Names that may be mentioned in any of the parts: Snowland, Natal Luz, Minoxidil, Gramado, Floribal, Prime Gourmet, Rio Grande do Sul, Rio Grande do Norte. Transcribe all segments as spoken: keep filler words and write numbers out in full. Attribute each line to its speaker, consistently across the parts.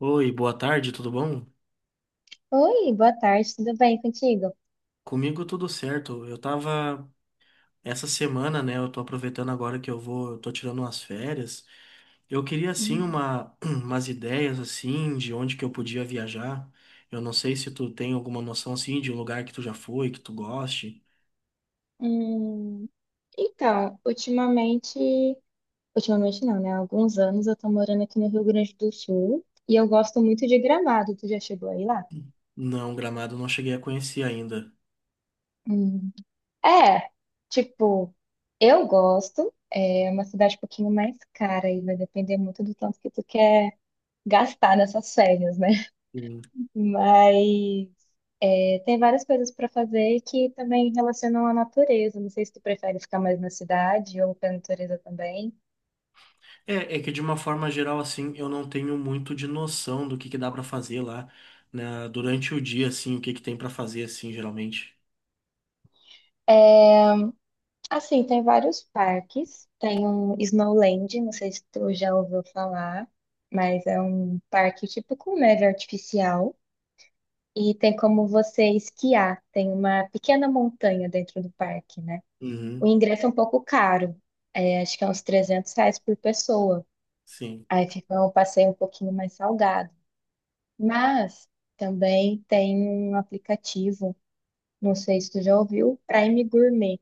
Speaker 1: Oi, boa tarde, tudo bom?
Speaker 2: Oi, boa tarde, tudo bem contigo?
Speaker 1: Comigo tudo certo. Eu tava essa semana, né? Eu tô aproveitando agora que eu vou, eu tô tirando umas férias. Eu queria assim
Speaker 2: Hum.
Speaker 1: uma umas ideias assim de onde que eu podia viajar. Eu não sei se tu tem alguma noção assim de um lugar que tu já foi, que tu goste.
Speaker 2: Hum, Então, ultimamente, ultimamente não, né? Há alguns anos eu tô morando aqui no Rio Grande do Sul e eu gosto muito de Gramado. Tu já chegou aí lá?
Speaker 1: Não, Gramado eu não cheguei a conhecer ainda.
Speaker 2: Hum, É, tipo, eu gosto. É uma cidade um pouquinho mais cara e vai depender muito do tanto que tu quer gastar nessas férias, né?
Speaker 1: Hum.
Speaker 2: Mas é, tem várias coisas para fazer que também relacionam à natureza. Não sei se tu prefere ficar mais na cidade ou pra natureza também.
Speaker 1: É, é que de uma forma geral assim, eu não tenho muito de noção do que que dá pra fazer lá, né, durante o dia assim, o que que tem pra fazer assim, geralmente.
Speaker 2: É, assim, tem vários parques. Tem um Snowland, não sei se tu já ouviu falar, mas é um parque tipo com neve artificial. E tem como você esquiar. Tem uma pequena montanha dentro do parque, né? O
Speaker 1: Uhum,
Speaker 2: ingresso é um pouco caro. É, acho que é uns trezentos reais por pessoa.
Speaker 1: sim.
Speaker 2: Aí fica um passeio um pouquinho mais salgado. Mas também tem um aplicativo, não sei se tu já ouviu, Prime Gourmet,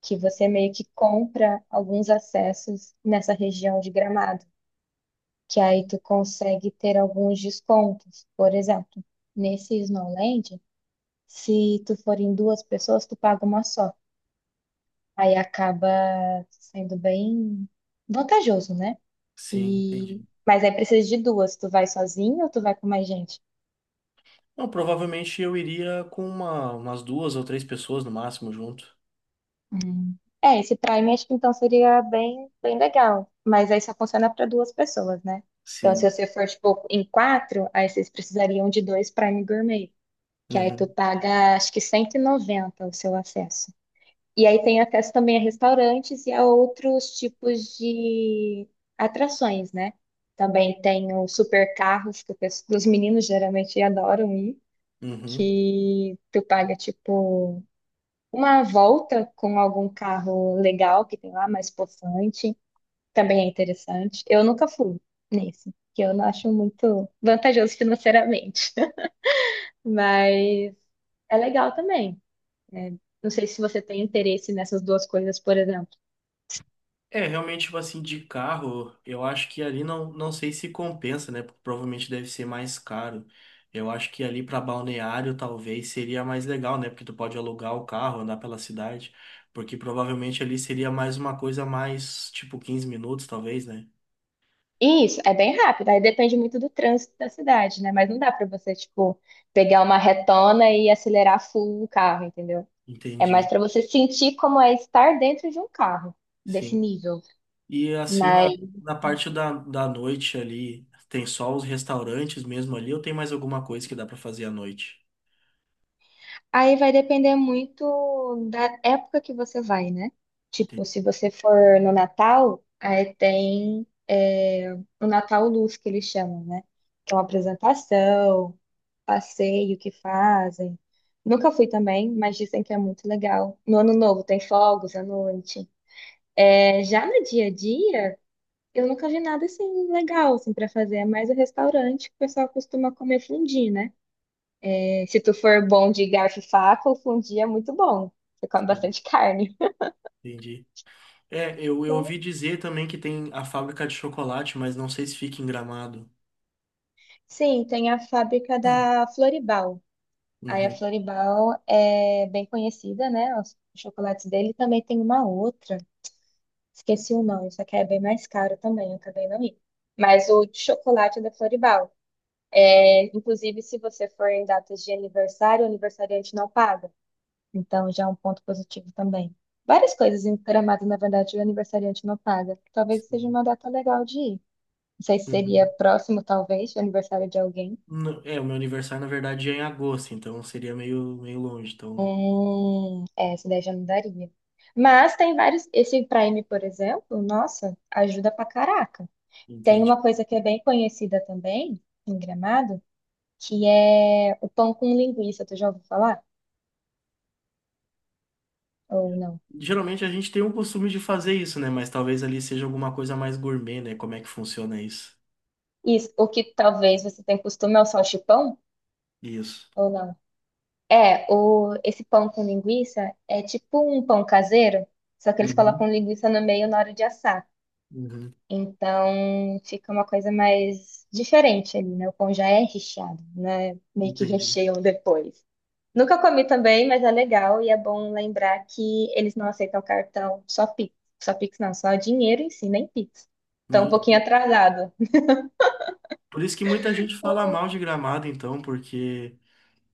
Speaker 2: que você meio que compra alguns acessos nessa região de Gramado, que aí tu consegue ter alguns descontos. Por exemplo, nesse Snowland, se tu for em duas pessoas, tu paga uma só. Aí acaba sendo bem vantajoso, né?
Speaker 1: Sim,
Speaker 2: E
Speaker 1: entendi.
Speaker 2: mas aí precisa de duas, tu vai sozinho ou tu vai com mais gente?
Speaker 1: Não, provavelmente eu iria com uma, umas duas ou três pessoas no máximo junto.
Speaker 2: Hum. É, esse Prime acho que então seria bem, bem legal. Mas aí só funciona para duas pessoas, né? Então, se
Speaker 1: Sim.
Speaker 2: você for, tipo, em quatro, aí vocês precisariam de dois Prime Gourmet. Que aí tu
Speaker 1: Uhum.
Speaker 2: paga, acho que cento e noventa o seu acesso. E aí tem acesso também a restaurantes e a outros tipos de atrações, né? Também tem os supercarros, que o pes- os meninos geralmente adoram ir,
Speaker 1: Uhum.
Speaker 2: que tu paga, tipo. Uma volta com algum carro legal que tem lá, mais possante, também é interessante. Eu nunca fui nesse, que eu não acho muito vantajoso financeiramente. Mas é legal também, né? Não sei se você tem interesse nessas duas coisas, por exemplo.
Speaker 1: É, realmente, tipo assim, de carro, eu acho que ali não, não sei se compensa, né? Porque provavelmente deve ser mais caro. Eu acho que ali para balneário talvez seria mais legal, né? Porque tu pode alugar o carro, andar pela cidade. Porque provavelmente ali seria mais uma coisa mais, tipo, quinze minutos, talvez, né?
Speaker 2: E isso, é bem rápido, aí depende muito do trânsito da cidade, né? Mas não dá pra você, tipo, pegar uma retona e acelerar full o carro, entendeu? É mais
Speaker 1: Entendi.
Speaker 2: pra você sentir como é estar dentro de um carro desse
Speaker 1: Sim.
Speaker 2: nível.
Speaker 1: E assim,
Speaker 2: Mas
Speaker 1: na, na parte da, da noite ali, tem só os restaurantes mesmo ali, ou tem mais alguma coisa que dá pra fazer à noite?
Speaker 2: Aí vai depender muito da época que você vai, né? Tipo,
Speaker 1: Entendi.
Speaker 2: se você for no Natal, aí tem é, o Natal Luz, que eles chamam, né? Que é uma apresentação, passeio que fazem. Nunca fui também, mas dizem que é muito legal. No Ano Novo tem fogos à noite. É, já no dia a dia, eu nunca vi nada assim legal assim, para fazer. É mais o restaurante que o pessoal costuma comer fondue, né? Se tu for bom de garfo e faca, o fundi é muito bom. Você come
Speaker 1: Sim,
Speaker 2: bastante carne.
Speaker 1: entendi. É, eu, eu
Speaker 2: Né?
Speaker 1: ouvi dizer também que tem a fábrica de chocolate, mas não sei se fica em Gramado.
Speaker 2: Sim, tem a fábrica da Floribal. Aí a
Speaker 1: Uhum,
Speaker 2: Floribal é bem conhecida, né? Os chocolates dele também tem uma outra. Esqueci o nome, isso aqui é bem mais caro também, eu acabei não indo. Mas o de chocolate é da Floribal. É, inclusive, se você for em datas de aniversário, o aniversariante não paga. Então, já é um ponto positivo também. Várias coisas em Gramado, na verdade, o aniversariante não paga. Talvez seja
Speaker 1: sim,
Speaker 2: uma data legal de ir. Não sei se seria
Speaker 1: uhum.
Speaker 2: próximo, talvez, do aniversário de alguém.
Speaker 1: Não, é, o meu aniversário, na verdade, é em agosto, então seria meio, meio longe, então
Speaker 2: Hum, é, essa daí já não daria. Mas tem vários. Esse Prime, por exemplo, nossa, ajuda pra caraca. Tem
Speaker 1: entendi.
Speaker 2: uma coisa que é bem conhecida também, em Gramado, que é o pão com linguiça. Tu já ouviu falar? Ou não?
Speaker 1: Geralmente a gente tem o costume de fazer isso, né? Mas talvez ali seja alguma coisa mais gourmet, né? Como é que funciona isso?
Speaker 2: Isso. O que talvez você tenha costume é o salchipão?
Speaker 1: Isso.
Speaker 2: Ou não? É, o, esse pão com linguiça é tipo um pão caseiro, só que eles
Speaker 1: Uhum,
Speaker 2: colocam linguiça no meio na hora de assar.
Speaker 1: uhum.
Speaker 2: Então fica uma coisa mais diferente ali, né? O pão já é recheado, né? Meio que
Speaker 1: Entendi.
Speaker 2: recheiam depois. Nunca comi também, mas é legal e é bom lembrar que eles não aceitam cartão, só Pix. Só Pix não, só dinheiro em si, nem Pix. Então um
Speaker 1: Meu
Speaker 2: pouquinho
Speaker 1: Deus.
Speaker 2: atrasado.
Speaker 1: Por isso que muita gente fala mal de Gramado, então, porque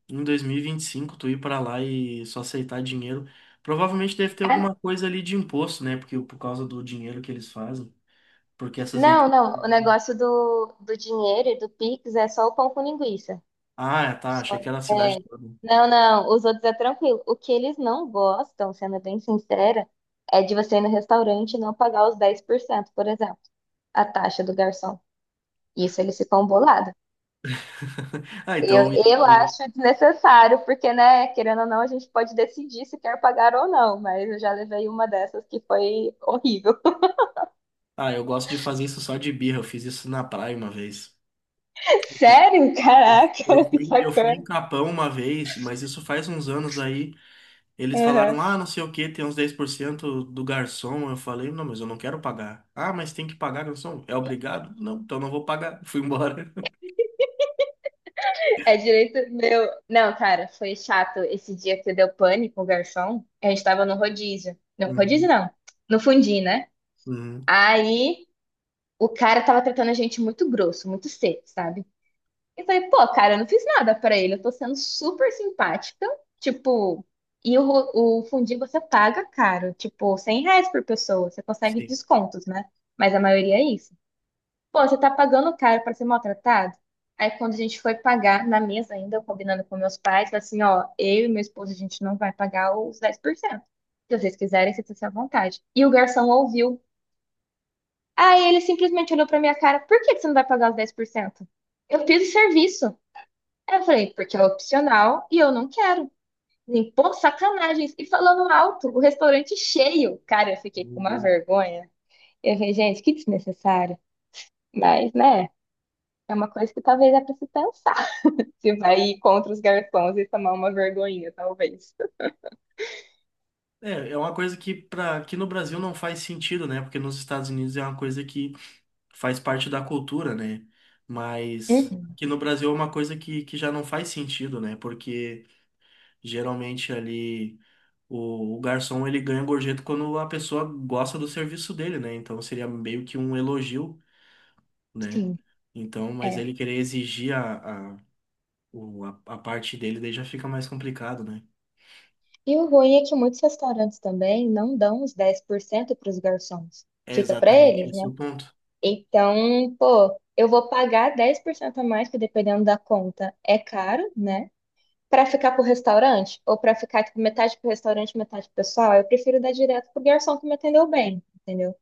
Speaker 1: em dois mil e vinte e cinco tu ir pra lá e só aceitar dinheiro, provavelmente deve ter
Speaker 2: Ah,
Speaker 1: alguma coisa ali de imposto, né? Porque por causa do dinheiro que eles fazem, porque essas
Speaker 2: não,
Speaker 1: empresas.
Speaker 2: não, o negócio do, do dinheiro e do Pix é só o pão com linguiça.
Speaker 1: Ah, tá,
Speaker 2: Só-
Speaker 1: achei que era a cidade
Speaker 2: É.
Speaker 1: toda.
Speaker 2: Não, não, os outros é tranquilo. O que eles não gostam, sendo bem sincera, é de você ir no restaurante e não pagar os dez por cento, por exemplo, a taxa do garçom. Isso eles ficam bolados.
Speaker 1: Ah,
Speaker 2: Eu,
Speaker 1: então.
Speaker 2: eu acho desnecessário, porque, né, querendo ou não, a gente pode decidir se quer pagar ou não, mas eu já levei uma dessas que foi horrível.
Speaker 1: Ah, eu gosto de fazer isso só de birra, eu fiz isso na praia uma vez.
Speaker 2: Sério?
Speaker 1: Eu, eu
Speaker 2: Caraca, que
Speaker 1: fui, eu fui em
Speaker 2: sacana.
Speaker 1: Capão uma vez, mas isso faz uns anos aí. Eles falaram,
Speaker 2: Uhum.
Speaker 1: ah, não sei o que, tem uns dez por cento do garçom. Eu falei, não, mas eu não quero pagar. Ah, mas tem que pagar, garçom. É obrigado? Não, então não vou pagar. Fui embora.
Speaker 2: É direito meu. Não, cara, foi chato esse dia que deu pane com o garçom. A gente tava no rodízio. Não, rodízio
Speaker 1: Uhum,
Speaker 2: não. No fundi, né?
Speaker 1: uhum,
Speaker 2: Aí o cara tava tratando a gente muito grosso, muito seco, sabe? Eu falei, pô, cara, eu não fiz nada pra ele. Eu tô sendo super simpática. Tipo, e o, ro- o fundi você paga caro. Tipo, cem reais por pessoa. Você consegue
Speaker 1: sim.
Speaker 2: descontos, né? Mas a maioria é isso. Pô, você tá pagando caro pra ser maltratado? Aí quando a gente foi pagar na mesa ainda, eu combinando com meus pais, falei assim, ó, eu e meu esposo, a gente não vai pagar os dez por cento. Se vocês quiserem, vocês estão à vontade. E o garçom ouviu. Aí ele simplesmente olhou pra minha cara, por que que você não vai pagar os dez por cento? Eu fiz o serviço. Aí eu falei, porque é opcional e eu não quero. Assim, pô, sacanagens. E falando alto, o restaurante cheio. Cara, eu fiquei
Speaker 1: Meu
Speaker 2: com uma
Speaker 1: Deus.
Speaker 2: vergonha. Eu falei, gente, que desnecessário. Mas, né, é uma coisa que talvez é pra se pensar. Se vai ir contra os garçons e tomar uma vergonhinha, talvez.
Speaker 1: É, é uma coisa que, para que no Brasil não faz sentido, né? Porque nos Estados Unidos é uma coisa que faz parte da cultura, né? Mas
Speaker 2: Uhum,
Speaker 1: aqui no Brasil é uma coisa que, que já não faz sentido, né? Porque geralmente ali. O, o garçom ele ganha gorjeta quando a pessoa gosta do serviço dele, né? Então seria meio que um elogio, né?
Speaker 2: sim,
Speaker 1: Então, mas
Speaker 2: é.
Speaker 1: ele querer exigir a, a, o- a, a parte dele daí já fica mais complicado, né?
Speaker 2: E o ruim é que muitos restaurantes também não dão os dez por cento para os garçons.
Speaker 1: É
Speaker 2: Fica para
Speaker 1: exatamente
Speaker 2: eles,
Speaker 1: esse
Speaker 2: né?
Speaker 1: o ponto.
Speaker 2: Então, pô, eu vou pagar dez por cento a mais, que dependendo da conta é caro, né? Para ficar pro restaurante, ou para ficar tipo, metade pro restaurante, metade pro pessoal, eu prefiro dar direto pro garçom que me atendeu bem, entendeu?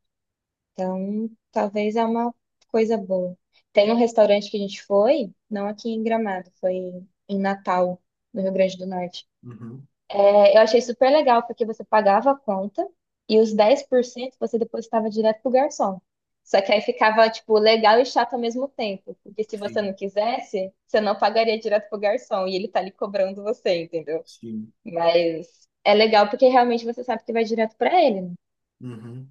Speaker 2: Então, talvez é uma coisa boa. Tem um restaurante que a gente foi, não aqui em Gramado, foi em Natal, no Rio Grande do Norte.
Speaker 1: Uhum,
Speaker 2: É, eu achei super legal, porque você pagava a conta e os dez por cento você depositava direto pro garçom. Só que aí ficava, tipo, legal e chato ao mesmo tempo. Porque se você não
Speaker 1: sim,
Speaker 2: quisesse, você não pagaria direto pro garçom e ele tá ali cobrando você, entendeu?
Speaker 1: sim.
Speaker 2: Mas é legal porque realmente você sabe que vai direto pra ele, né?
Speaker 1: Uhum.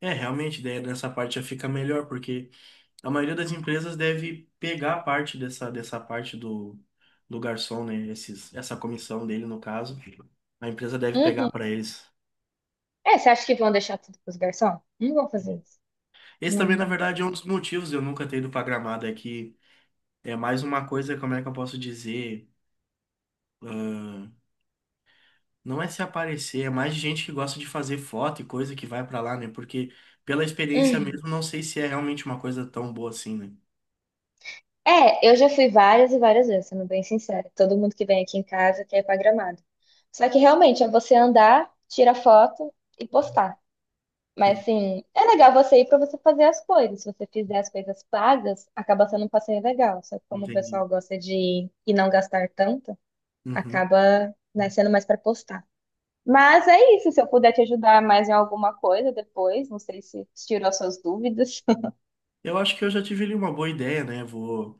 Speaker 1: É, realmente, daí nessa parte já fica melhor, porque a maioria das empresas deve pegar a parte dessa, dessa parte do, do garçom, né? Esses, essa comissão dele, no caso. A empresa deve pegar
Speaker 2: Uhum.
Speaker 1: para eles.
Speaker 2: É, você acha que vão deixar tudo pros garçom? Não vão fazer isso.
Speaker 1: Esse também, na
Speaker 2: Hum.
Speaker 1: verdade, é um dos motivos de eu nunca ter ido pra Gramado, é que é mais uma coisa, como é que eu posso dizer? ahn, não é se aparecer, é mais gente que gosta de fazer foto e coisa que vai pra lá, né? Porque pela experiência
Speaker 2: Hum.
Speaker 1: mesmo, não sei se é realmente uma coisa tão boa assim, né?
Speaker 2: É, eu já fui várias e várias vezes, sendo bem sincera. Todo mundo que vem aqui em casa quer ir pra Gramado. Só que realmente é você andar, tirar foto e postar. Mas
Speaker 1: Hum,
Speaker 2: assim, é legal você ir pra você fazer as coisas. Se você fizer as coisas pagas, acaba sendo um passeio legal. Só que como o
Speaker 1: entendi.
Speaker 2: pessoal gosta de ir e não gastar tanto,
Speaker 1: Uhum.
Speaker 2: acaba, né, sendo mais pra postar. Mas é isso, se eu puder te ajudar mais em alguma coisa depois, não sei se tirou suas dúvidas.
Speaker 1: Eu acho que eu já tive ali uma boa ideia, né? Vou,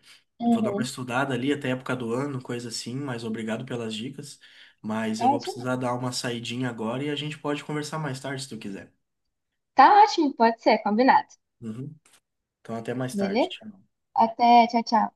Speaker 1: Vou dar uma
Speaker 2: Uhum,
Speaker 1: estudada ali até a época do ano, coisa assim, mas obrigado pelas dicas. Mas
Speaker 2: tá
Speaker 1: eu vou
Speaker 2: ótimo.
Speaker 1: precisar dar uma saidinha agora e a gente pode conversar mais tarde, se tu quiser.
Speaker 2: Tá ótimo, pode ser, combinado.
Speaker 1: Uhum. Então, até mais tarde.
Speaker 2: Beleza?
Speaker 1: Tchau.
Speaker 2: Até, tchau, tchau.